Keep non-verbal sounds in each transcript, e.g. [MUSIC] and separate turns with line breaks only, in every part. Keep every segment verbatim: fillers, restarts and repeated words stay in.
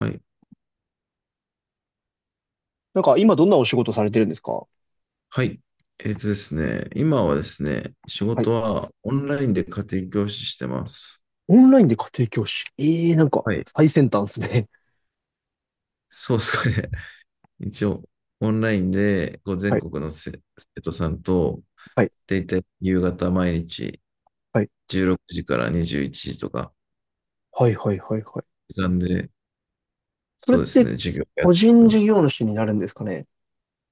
はい。
なんか今どんなお仕事されてるんですか？
はい。えっとですね、今はですね、仕
はい。
事はオンラインで家庭教師してます。
オンラインで家庭教師。ええなんか
はい。
最先端ですね。
そうですかね。[LAUGHS] 一応、オンラインでこう
[LAUGHS]
全
はい。
国のせ生徒さんと、
はい。
大体夕方毎日
はい。
じゅうろくじからにじゅういちじとか、
はいはいはいはい。
時間で、
それ
そ
っ
うです
て
ね、授業やっ
個
て
人
ま
事
す。
業主になるんですかね？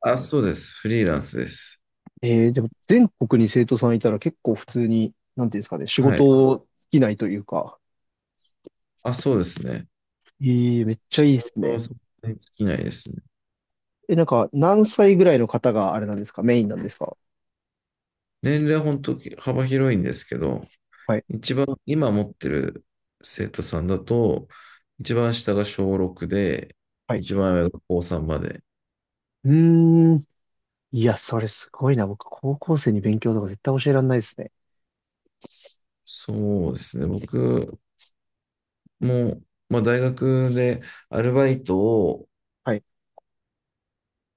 あ、そうです。フリーランスです。
ええでも全国に生徒さんいたら結構普通に、なんていうんですかね、仕
はい。
事を尽きないというか。
あ、そうですね。
ええめっちゃ
仕
いいです
事は
ね。
そんなに尽きないですね。
え、なんか何歳ぐらいの方があれなんですか、メインなんですか？
年齢は本当幅広いんですけど、
はい。
一番今持ってる生徒さんだと、一番下が小ろくで、
はい。
一番上が高さんまで。
うーん。いや、それすごいな。僕、高校生に勉強とか絶対教えられないですね。
そうですね。僕も、まあ、大学でアルバイトを
はい。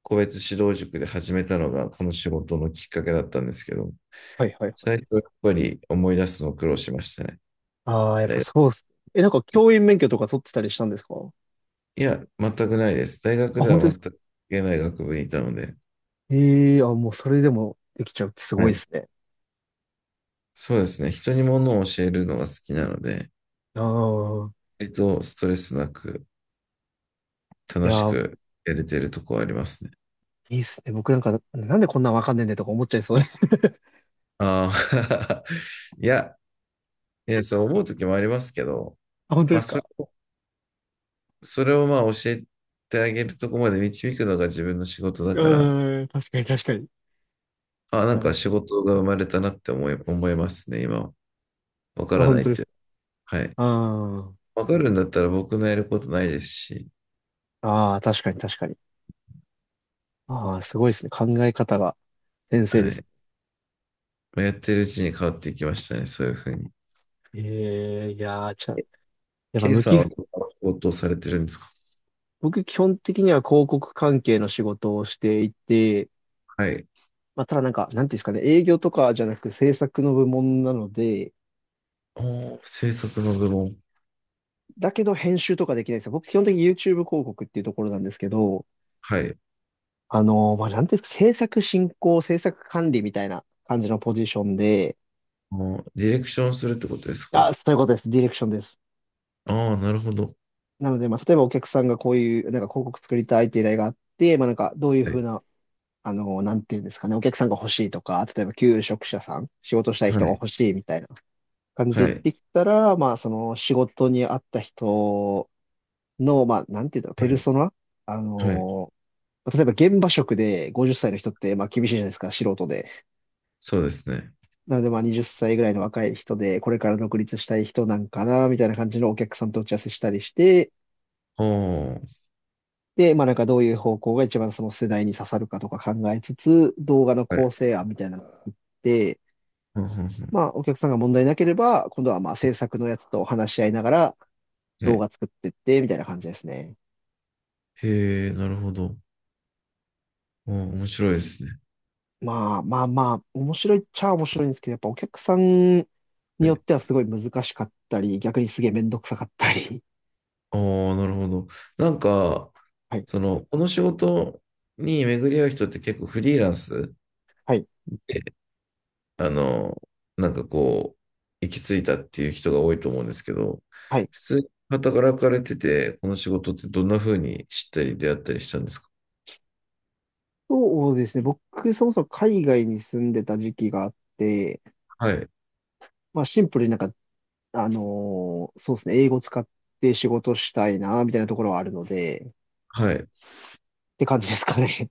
個別指導塾で始めたのがこの仕事のきっかけだったんですけど、
はいはいは
最
い。
初はやっぱり思い出すの苦労しましたね。
ああ、やっ
大
ぱ
学。
そうっす。え、なんか教員免許とか取ってたりしたんですか？
いや、全くないです。大学
あ、
で
本
は
当です
全
か？
く関係ない学部にいたので、
ええー、あ、もうそれでもできちゃうってすご
は
いで
い。
すね。
そうですね。人に物を教えるのが好きなので、
ああ、
割とストレスなく、
い
楽
や
し
ー、
くやれてるとこはありますね。
いいっすね。僕なんか、なんでこんなんわかんねえんだよとか思っちゃいそうです。[LAUGHS]
ああ、[LAUGHS] いや、いや、そう思うときもありますけど、
あ、本当で
まあ、
す
そ
か？
れを、それをまあ、教えてあげるとこまで導くのが自分の仕事だ
う
から、
ーん、確かに確かに。
あ、なん
なる
か
ほ
仕
ど。
事が生まれたなって思い、思いますね、今は。わか
あ、
ら
本
ないっ
当で
て
す
いう。
か？
はい。
うーん。
わかるんだったら僕のやることないですし、
ああ、確かに確かに。ああ、すごいですね。考え方が先生で
は
す。
い。まあやってるうちに変わっていきましたね、そういうふうに。
ええいやー、ちゃ、
え
やっぱ
K
向
さん
き、
はどんな仕事をされてるんですか？
僕基本的には広告関係の仕事をしていて、
はい。
まあ、ただなんか、なんていうんですかね、営業とかじゃなく制作の部門なので、
おー、制作の部門。
だけど編集とかできないんですよ。僕基本的に YouTube 広告っていうところなんですけど、
はい。
あのーまあ、なんていうんですか、制作進行、制作管理みたいな感じのポジションで、
もうディレクションするってことですか？
あ、そういうことです。ディレクションです。
ああ、なるほど。
なので、まあ、例えばお客さんがこういう、なんか広告作りたいっていう依頼があって、まあ、なんか、どういう
は
ふう
い。
な、あのーなんていうんですかね、お客さんが欲しいとか、例えば求職者さん、仕事したい
は
人が
い。
欲しいみたいな感じで
は
言っ
い。
てきたら、まあ、その仕事に合った人、の、まあ、なんていうんだろう、ペ
は
ル
い。
ソナ、あ
はい。
のー例えば現場職でごじゅっさいの人って、まあ、厳しいじゃないですか、素人で。
そうですね。
なので、まあ、はたちぐらいの若い人で、これから独立したい人なんかな、みたいな感じのお客さんと打ち合わせしたりして、
ああ、はい。
で、まあ、なんかどういう方向が一番その世代に刺さるかとか考えつつ、動画の構成案みたいなのを作って、
うんうんうん、
まあ、お客さんが問題なければ、今度はまあ、制作のやつと話し合いながら
は
動
い。
画作ってって、みたいな感じですね。
へえ、なるほど。あー面白いですね。
まあまあまあ、面白いっちゃ面白いんですけど、やっぱお客さんに
は
よっ
い。
てはすごい難しかったり、逆にすげえめんどくさかったり。
ああ、なるほど。なんか、
[LAUGHS] はい、
その、この仕事に巡り合う人って結構フリーランス
はい、
で、あの、なんかこう、行き着いたっていう人が多いと思うんですけど、
はい。
普通に働かれてて、この仕事ってどんな風に知ったり出会ったりしたんですか？
そうですね。僕、そもそも海外に住んでた時期があって、
はい。
まあシンプルになんか、あのーそうですね、英語使って仕事したいな、みたいなところはあるので、っ
はい。
て感じですかね。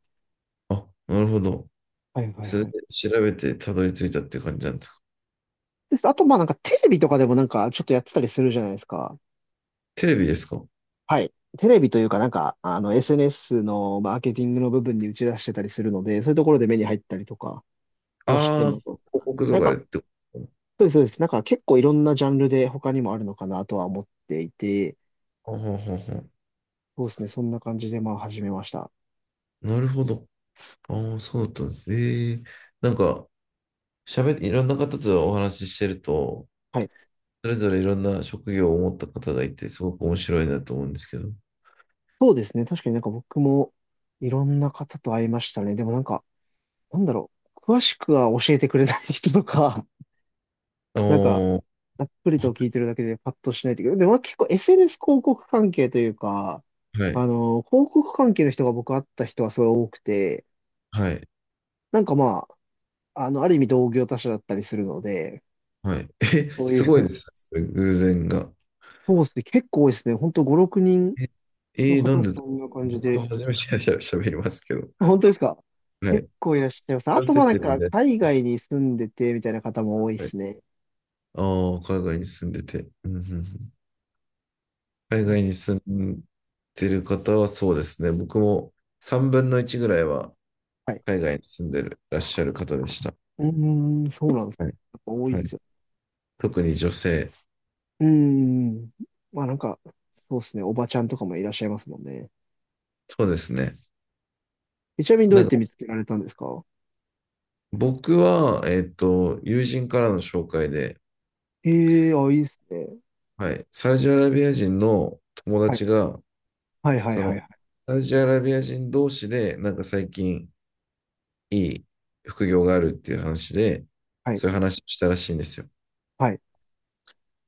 あ、なるほど。
[LAUGHS] はいはい
それ
は
で
い。
調べてたどり着いたって感じなんですか。
です。あと、まあなんかテレビとかでもなんかちょっとやってたりするじゃないですか。
テレビですか？
はい。テレビというか、なんか、あの、エスエヌエス のマーケティングの部分に打ち出してたりするので、そういうところで目に入ったりとかはして
ああ
ま
ー、
す。
広告と
なん
かでっ
か、
てことか？
そうです、そうです。なんか結構いろんなジャンルで他にもあるのかなとは思っていて、
あははは。
そうですね。そんな感じで、まあ、始めました。
なるほど。ああ、そうだったんですね。ええ、なんか、喋って、いろんな方とお話ししてると、
はい。
それぞれいろんな職業を持った方がいて、すごく面白いなと思うんですけど。
そうですね。確かになんか僕もいろんな方と会いましたね。でもなんか、なんだろう。詳しくは教えてくれない人とか、
お
なんか、
ー、
ざっくりと聞いてるだけでパッとしないといけない。でも結構 エスエヌエス 広告関係というか、
はい、
あの、広告関係の人が僕会った人はすごい多くて、
はい、
なんかまあ、あの、ある意味同業他社だったりするので、
はい。え、
そうい
すごい
う
ですね。それ偶然が。
[LAUGHS] コースで結構多いですね。ほんとご、ろくにん
え、
の
えーな
方
んでだ
そ
ろ
ん
う、
な感じ
僕
で。
は初めてしゃべりますけど。
本当ですか？
は
結
い。
構いらっしゃいます。あ
男
と
性
ま
っ
あなん
てるん
か
で。
海外に住んでてみたいな方も多いで
はい。
すね。
ああ、海外に住んでて。うんうんうん。海
うん、
外に住んでる方はそうですね。僕もさんぶんのいちぐらいは
はい。
海外に住んでる、いらっしゃる方でした。
うーん、そうなんです。
はい。
やっぱ多いっ
はい。
すね。
特に女性。
うーん。まあなんか、そうですね。おばちゃんとかもいらっしゃいますもんね。
そうですね。
えちなみにどう
な
や
ん
っ
か
て見つけられたんですか？
僕は、えっと、友人からの紹介で、
ええー、あ、いいですね。
はい。サウジアラビア人の友
はい。
達が、
はいはい
そ
はい
の、
はい。
サウジアラビア人同士で、なんか最近いい副業があるっていう話で、
はい。
そういう話をしたらしいんですよ。
はい。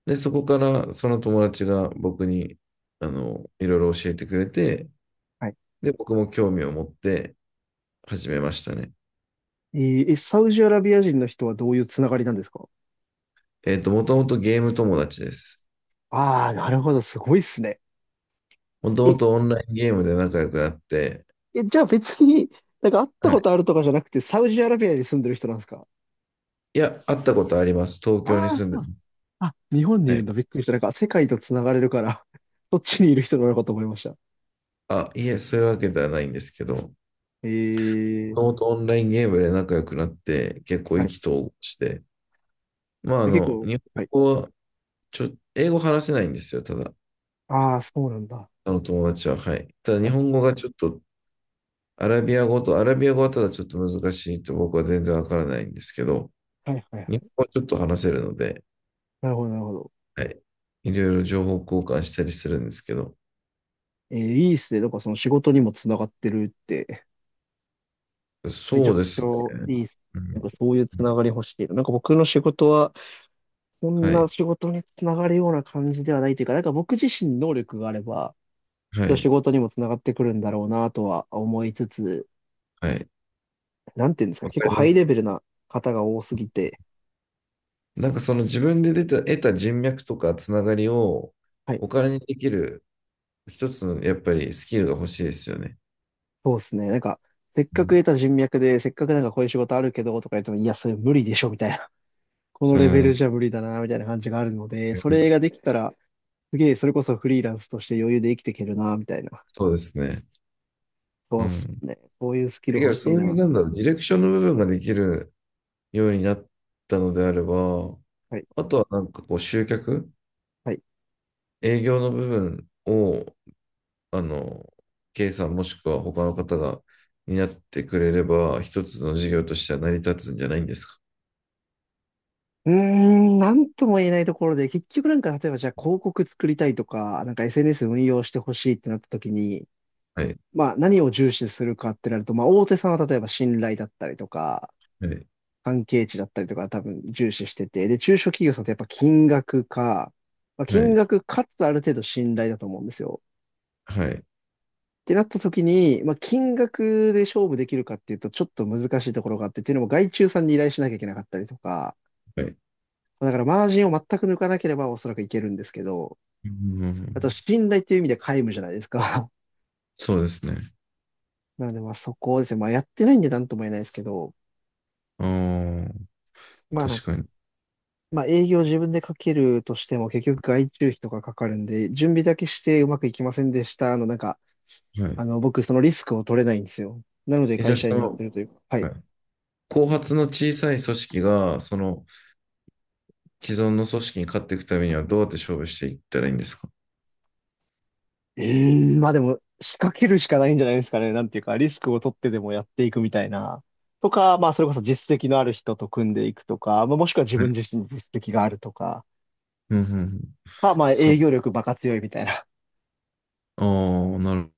で、そこからその友達が僕に、あの、いろいろ教えてくれて、で、僕も興味を持って始めましたね。
えー、え、サウジアラビア人の人はどういうつながりなんですか？
えっと、もともとゲーム友達です。
ああー、なるほど。すごいっすね。
もと
え、
もとオンラインゲームで仲良くなって、
え、じゃあ別に、なんか会った
は
こ
い。
とあるとかじゃなくて、サウジアラビアに住んでる人なんですか？
いや、会ったことあります。東京に
ああー、
住ん
そ
で、
うっす。あ、日本にい
は
るん
い。
だ。びっくりした。なんか世界とつながれるから、そっちにいる人なのかと思いました。
あ、いえ、そういうわけではないんですけど、
ええ
も
ー、
ともとオンラインゲームで仲良くなって、結構
は
意
い。
気投合して、まあ、あ
で結
の、
構、
日本
はい。
語は、ちょ、英語話せないんですよ、ただ。
ああ、そうなんだ。
あの友達は、はい。ただ、日
はい、
本語がちょっとアラビア語と、アラビア語はただちょっと難しいと僕は全然わからないんですけど、
はい、はいは
日本
い。
語はちょっと話せるので、
なるほど、なるほど。
はい。いろいろ情報交換したりするんですけど、
えーいいっすね。なんかその仕事にもつながってるって、[LAUGHS] めち
そ
ゃ
う
く
で
ち
すね。
ゃいいっす。
う
なんか
ん
そういうつ
うん、
ながり欲しいな。なんか僕の仕事は、こん
は
な
い、
仕事につながるような感じではないというか、なんか僕自身能力があれば、
は
きっと仕
い、
事にもつながってくるんだろうなとは思いつつ、
はい。
なんていうんですかね、
わ
結
か
構
り
ハ
ま
イレ
す。
ベルな方が多すぎて、
なんかその自分で出た、得た人脈とかつながりを
はい、
お金にできる一つのやっぱりスキルが欲しいですよね。
そうですね。なんか、せっ
う
かく
ん、
得た人脈で、せっかくなんかこういう仕事あるけどとか言っても、いや、それ無理でしょみたいな、この
う
レベ
ん、わ
ル
か
じゃ無理だな、みたいな感じがあるので、
り
そ
ま
れが
す。
できたら、すげえ、それこそフリーランスとして余裕で生きていけるな、みたいな。
そうですね。
そ
う
うっす
ん。
ね。そういうスキ
だ
ル
け
欲
ど
しい
そういう
な。
なんだろう、ディレクションの部分ができるようになったのであれば、
はい。
あとはなんかこう集客、
はい。
営業の部分を、あの、K さんもしくは他の方が担ってくれれば、一つの事業としては成り立つんじゃないんですか。
うーん、なんとも言えないところで、結局なんか、例えばじゃあ広告作りたいとか、なんか エスエヌエス 運用してほしいってなった時に、
はい、
まあ何を重視するかってなると、まあ大手さんは例えば信頼だったりとか、
はい、
関係値だったりとか多分重視してて、で、中小企業さんってやっぱ金額か、まあ、
は
金
い、
額かつある程度信頼だと思うんですよ。
はい、
ってなった時に、まあ、金額で勝負できるかっていうと、ちょっと難しいところがあって、っていうのも外注さんに依頼しなきゃいけなかったりとか、
はい。
まあだからマージンを全く抜かなければおそらくいけるんですけど、
う
あと
ん、
信頼っていう意味で皆無じゃないですか。
そうですね。
[LAUGHS] なのでまあそこをですね、まあやってないんでなんとも言えないですけど、
ああ、
まあなん
確
か、
かに。
まあ営業自分でかけるとしても結局外注費とかかかるんで、準備だけしてうまくいきませんでした。あのなんか、
は
あ
い。
の僕そのリスクを取れないんですよ。なので
え、じゃ
会
あそ
社員やって
の、
るというか、は
は
い。
い、後発の小さい組織が、その既存の組織に勝っていくためにはどうやって勝負していったらいいんですか。
うーん、まあでも、仕掛けるしかないんじゃないですかね。なんていうか、リスクを取ってでもやっていくみたいな。とか、まあそれこそ実績のある人と組んでいくとか、まあ、もしくは自
はい。
分自身に実績があるとか、
うんうんうん、
か、まあ
そう。
営業力バカ強いみたいな
ああ、なる